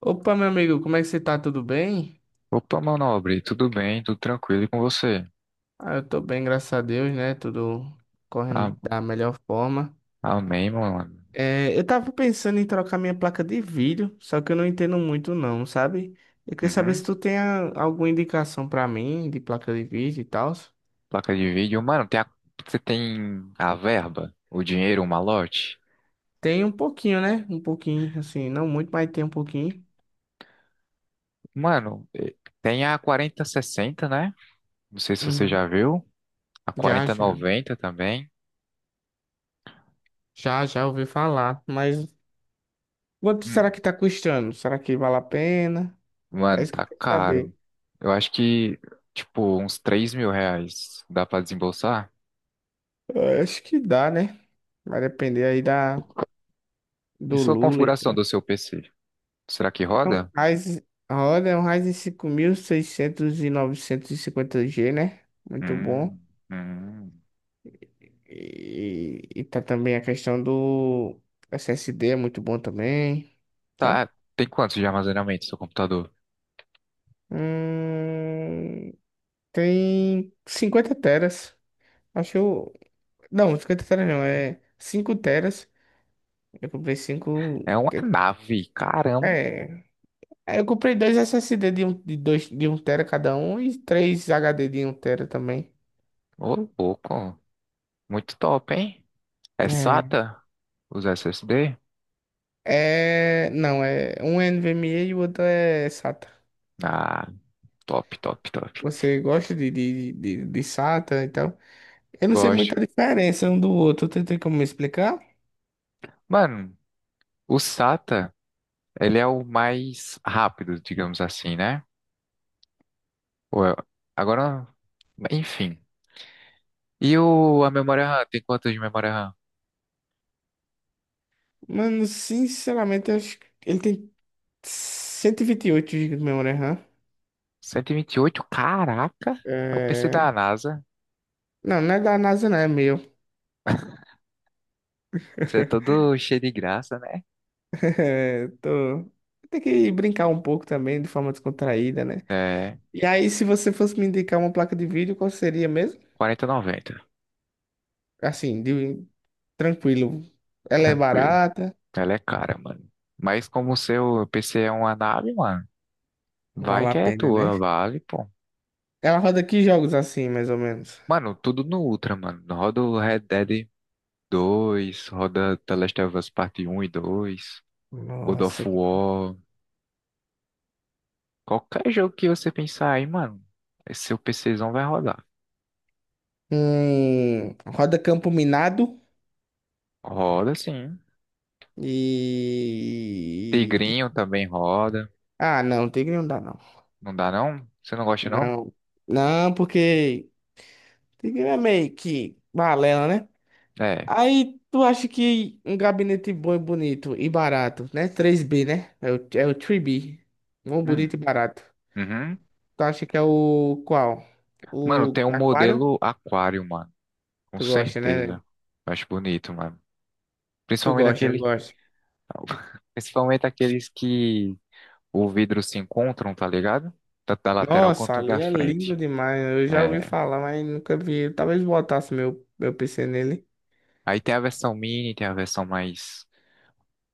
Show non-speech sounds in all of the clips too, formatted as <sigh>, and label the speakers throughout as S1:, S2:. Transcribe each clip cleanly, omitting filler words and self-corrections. S1: Opa, meu amigo, como é que você tá? Tudo bem?
S2: Opa, meu nobre, tudo bem, tudo tranquilo e com você?
S1: Ah, eu tô bem, graças a Deus, né? Tudo
S2: A-
S1: correndo da melhor forma.
S2: Amém, mano.
S1: É, eu tava pensando em trocar minha placa de vídeo, só que eu não entendo muito não, sabe? Eu queria saber
S2: Uhum.
S1: se tu tem alguma indicação pra mim de placa de vídeo e tal.
S2: Placa de vídeo. Mano, você tem a verba, o dinheiro, o malote?
S1: Tem um pouquinho, né? Um pouquinho, assim, não muito, mas tem um pouquinho.
S2: Mano, tem a 4060, né? Não sei se você
S1: Uhum.
S2: já viu. A
S1: Já, já.
S2: 4090 também.
S1: Já ouvi falar. Mas quanto será
S2: Hum.
S1: que tá custando? Será que vale a pena? É
S2: Mano,
S1: isso que eu
S2: tá
S1: quero saber.
S2: caro. Eu acho que, tipo, uns R$ 3.000 dá pra desembolsar.
S1: Eu acho que dá, né? Vai depender aí da,
S2: E
S1: do
S2: sua
S1: Lula e
S2: configuração
S1: tal.
S2: do seu PC? Será que
S1: É um
S2: roda?
S1: Ryzen, a roda é um Ryzen 5600 e seiscentos e novecentos e cinquenta g, né? Muito bom.
S2: Hum, hum.
S1: E tá também a questão do SSD, é muito bom também. Tá?
S2: Tá, tem quantos de armazenamento seu computador?
S1: Hum, tem 50 teras. Acho que eu. Não, 50 teras não, é 5 teras. Eu comprei cinco,
S2: É uma nave, caramba.
S1: é. É, eu comprei dois SSD de um, de dois, de um tera cada um e três HD de um tera também.
S2: Ô, louco. Muito top, hein? É
S1: É,
S2: SATA? Os SSD?
S1: é, não, um é NVMe e o outro é SATA.
S2: Ah, top, top, top.
S1: Você gosta de SATA e tal? Eu não sei
S2: Gosto.
S1: muita diferença um do outro, tu tem como me explicar?
S2: Mano, o SATA, ele é o mais rápido, digamos assim, né? Ou é- Agora, enfim. E a memória RAM? Tem quanto de memória RAM?
S1: Mano, sinceramente, eu acho que ele tem cento e vinte e oito gigas de memória RAM.
S2: Cento e vinte e oito, caraca! É o PC
S1: É.
S2: da NASA.
S1: Não, não é da NASA, não, é meu.
S2: Você é todo cheio de graça, né?
S1: É, tô. Tem que brincar um pouco também, de forma descontraída, né?
S2: É,
S1: E aí, se você fosse me indicar uma placa de vídeo, qual seria mesmo?
S2: quarenta e noventa.
S1: Assim, de tranquilo. Ela é
S2: Tranquilo.
S1: barata,
S2: Ela é cara, mano. Mas como o seu PC é uma nave, mano, vai
S1: vale a
S2: que é
S1: pena, né?
S2: tua, vale, pô.
S1: Ela roda que jogos assim, mais ou menos?
S2: Mano, tudo no Ultra, mano. Roda o Red Dead 2, roda The Last of Us Parte 1 e 2, God
S1: Nossa.
S2: of War. Qualquer jogo que você pensar aí, mano, esse seu PCzão vai rodar.
S1: Roda Campo Minado
S2: Roda sim.
S1: e.
S2: Tigrinho também roda.
S1: Ah, não, Tigre não dá, não.
S2: Não dá não? Você não gosta não?
S1: Não, não, porque Tigre é meio que balela, né?
S2: É.
S1: Aí tu acha que um gabinete bom e bonito e barato, né? Três b, né? É o, é o 3B. Bom, bonito
S2: Hum.
S1: e barato.
S2: Uhum.
S1: Tu acha que é o qual?
S2: Mano,
S1: O
S2: tem um
S1: aquário?
S2: modelo Aquário, mano. Com
S1: Tu gosta, né?
S2: certeza. Eu acho bonito, mano.
S1: Tu
S2: Principalmente
S1: gosta, não
S2: aquele,
S1: gosta?
S2: principalmente aqueles que o vidro se encontram, tá ligado? Tanto da lateral
S1: Nossa,
S2: quanto
S1: ali
S2: da
S1: é
S2: frente.
S1: lindo demais. Eu já ouvi
S2: É.
S1: falar, mas nunca vi. Talvez botasse meu, meu PC nele.
S2: Aí tem a versão mini, tem a versão mais,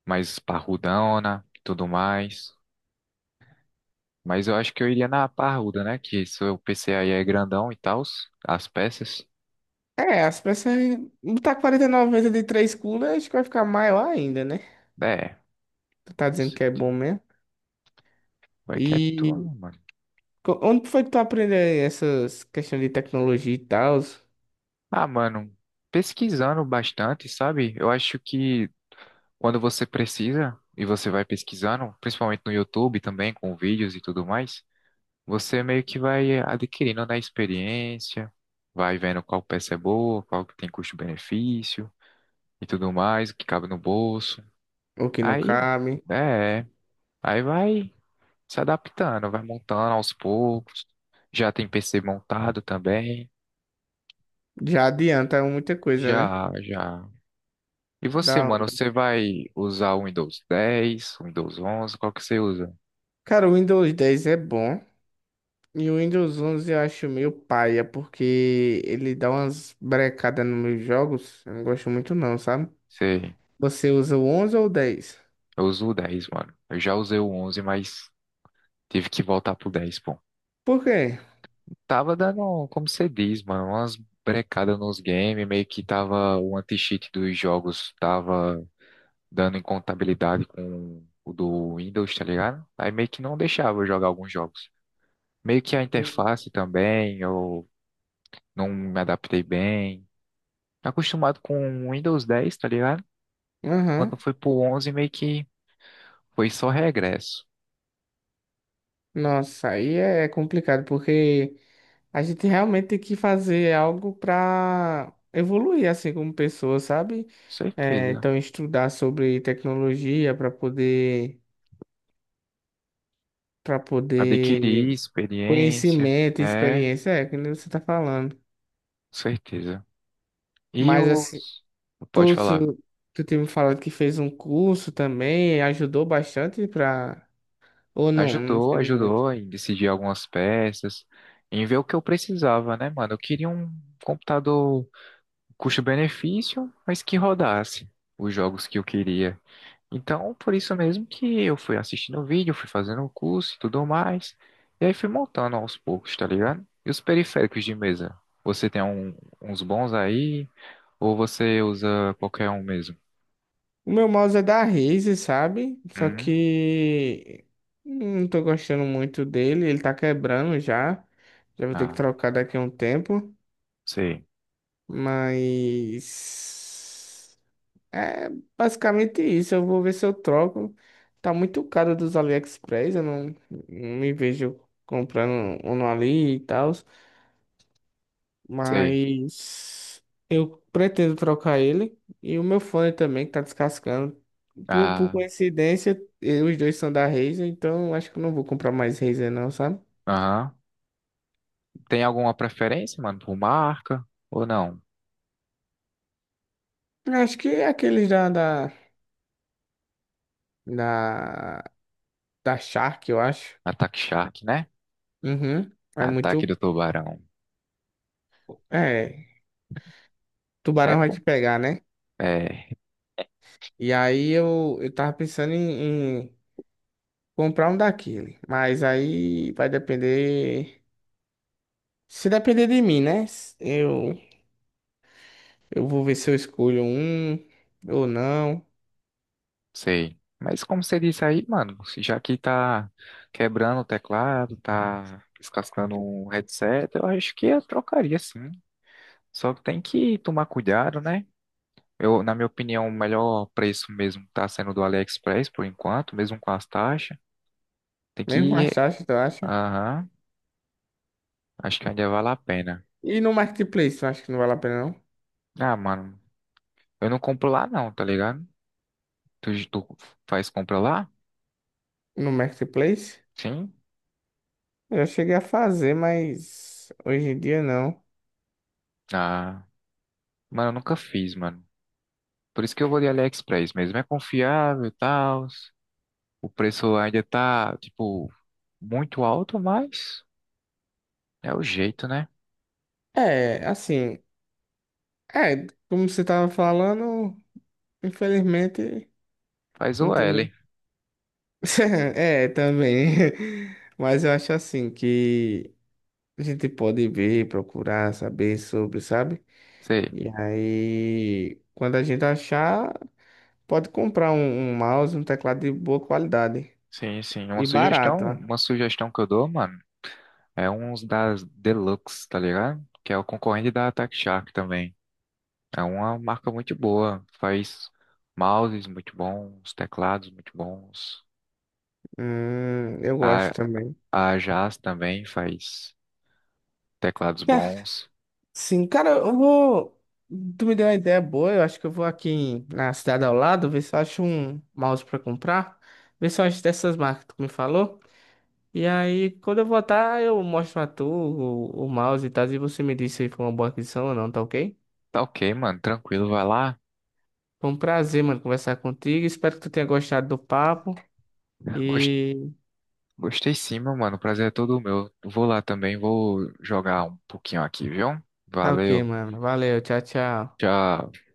S2: mais parrudona, e tudo mais. Mas eu acho que eu iria na parruda, né? Que seu PC aí é grandão e tal, as peças.
S1: É, as peças. Botar 49 vezes de 3 cooler, acho que vai ficar maior ainda, né?
S2: É,
S1: Tu tá dizendo
S2: você
S1: que é bom mesmo.
S2: vai que é tua,
S1: e
S2: mano.
S1: Onde foi que tu aprendeu essas questões de tecnologia e tal?
S2: Ah, mano, pesquisando bastante, sabe? Eu acho que quando você precisa e você vai pesquisando, principalmente no YouTube também, com vídeos e tudo mais, você meio que vai adquirindo, né, experiência, vai vendo qual peça é boa, qual que tem custo-benefício e tudo mais, o que cabe no bolso.
S1: O que não
S2: Aí,
S1: cabe.
S2: é, aí vai se adaptando, vai montando aos poucos. Já tem PC montado também.
S1: Já adianta muita coisa, né?
S2: Já, já. E você,
S1: Da
S2: mano,
S1: hora.
S2: você vai usar o Windows 10, o Windows 11, qual que você usa?
S1: Cara, o Windows 10 é bom. E o Windows 11 eu acho meio paia, porque ele dá umas brecadas nos meus jogos. Eu não gosto muito não, sabe?
S2: Você
S1: Você usa o 11 ou o 10?
S2: Eu uso o 10, mano. Eu já usei o 11, mas tive que voltar pro dez, pô.
S1: Por quê?
S2: Tava dando, como você diz, mano, umas brecadas nos games, meio que tava o anti-cheat dos jogos, tava dando incompatibilidade com o do Windows, tá ligado? Aí meio que não deixava eu jogar alguns jogos. Meio que a interface também, eu não me adaptei bem. Acostumado com o Windows dez, tá ligado? Quando
S1: Aham.
S2: foi pro 11, meio que foi só regresso.
S1: Nossa, aí é complicado, porque a gente realmente tem que fazer algo para evoluir assim como pessoa, sabe?
S2: Com
S1: É,
S2: certeza.
S1: então estudar sobre tecnologia para poder
S2: Adquirir experiência,
S1: conhecimento, e
S2: né? Com
S1: experiência, é que nem você tá falando.
S2: certeza. E
S1: Mas assim,
S2: os. Pode
S1: tu,
S2: falar.
S1: tu tu tinha me falado que fez um curso também, ajudou bastante para ou não, não
S2: Ajudou,
S1: teve muito.
S2: ajudou em decidir algumas peças, em ver o que eu precisava, né, mano? Eu queria um computador custo-benefício, mas que rodasse os jogos que eu queria. Então, por isso mesmo que eu fui assistindo o vídeo, fui fazendo o curso e tudo mais. E aí fui montando aos poucos, tá ligado? E os periféricos de mesa? Você tem uns bons aí? Ou você usa qualquer um mesmo?
S1: O meu mouse é da Razer, sabe? Só
S2: Hum?
S1: que não tô gostando muito dele, ele tá quebrando já. Já vou ter que
S2: Ah,
S1: trocar daqui a um tempo,
S2: sei,
S1: mas é basicamente isso. Eu vou ver se eu troco. Tá muito caro dos AliExpress, eu não, não me vejo comprando um no Ali e tal.
S2: sei.
S1: Mas eu pretendo trocar ele e o meu fone também, que tá descascando. Por
S2: Ah,
S1: coincidência, os dois são da Razer, então acho que eu não vou comprar mais Razer não, sabe?
S2: aham. Tem alguma preferência, mano, por marca ou não?
S1: Eu acho que é aqueles da, da Shark, eu acho.
S2: Ataque Shark, né?
S1: Uhum. É
S2: Ataque do
S1: muito.
S2: Tubarão.
S1: É,
S2: É,
S1: tubarão vai
S2: pô?
S1: te pegar, né?
S2: É.
S1: E aí eu tava pensando em comprar um daquele, mas aí vai depender. Se depender de mim, né? Eu... Eu vou ver se eu escolho um ou não.
S2: Sei. Mas como você disse aí, mano, já que tá quebrando o teclado, tá descascando um headset, eu acho que eu trocaria sim. Só que tem que tomar cuidado, né? Eu, na minha opinião, o melhor preço mesmo tá sendo do AliExpress por enquanto, mesmo com as taxas. Tem
S1: Mesmo com
S2: que.
S1: as taxas, tu acha?
S2: Aham, acho que ainda vale a pena.
S1: E no Marketplace, tu acha que não vale a pena, não?
S2: Ah, mano, eu não compro lá não, tá ligado? Tu faz compra lá?
S1: No Marketplace?
S2: Sim?
S1: Eu já cheguei a fazer, mas hoje em dia não.
S2: Ah, mano, eu nunca fiz, mano. Por isso que eu vou de AliExpress mesmo. É confiável e tal. O preço ainda tá, tipo, muito alto, mas é o jeito, né?
S1: É, assim, é, como você tava falando, infelizmente
S2: Faz
S1: não
S2: o
S1: tem
S2: L.
S1: muito. <laughs> É, também. <laughs> Mas eu acho assim que a gente pode ver, procurar, saber sobre, sabe?
S2: Sei.
S1: E aí, quando a gente achar. Pode comprar um mouse, um teclado de boa qualidade
S2: Sim, sim.
S1: e barato, ó.
S2: Uma sugestão que eu dou, mano, é uns das Deluxe, tá ligado? Que é o concorrente da Attack Shark também. É uma marca muito boa. Faz mouses muito bons, teclados muito bons.
S1: Eu gosto
S2: A,
S1: também.
S2: a Jazz também faz teclados
S1: Tá,
S2: bons.
S1: sim, cara, eu vou. Tu me deu uma ideia boa. Eu acho que eu vou aqui na cidade ao lado ver se eu acho um mouse pra comprar. Ver se eu acho dessas marcas que tu me falou. E aí, quando eu voltar, eu mostro a tu o mouse e tal. E você me diz se foi uma boa aquisição ou não, tá ok?
S2: Tá ok, mano. Tranquilo, vai lá.
S1: Foi um prazer, mano, conversar contigo. Espero que tu tenha gostado do papo.
S2: Gostei
S1: E
S2: Gostei sim, meu mano. O prazer é todo meu. Vou lá também, vou jogar um pouquinho aqui, viu?
S1: tá ok,
S2: Valeu.
S1: mano. Valeu, tchau, tchau.
S2: Tchau.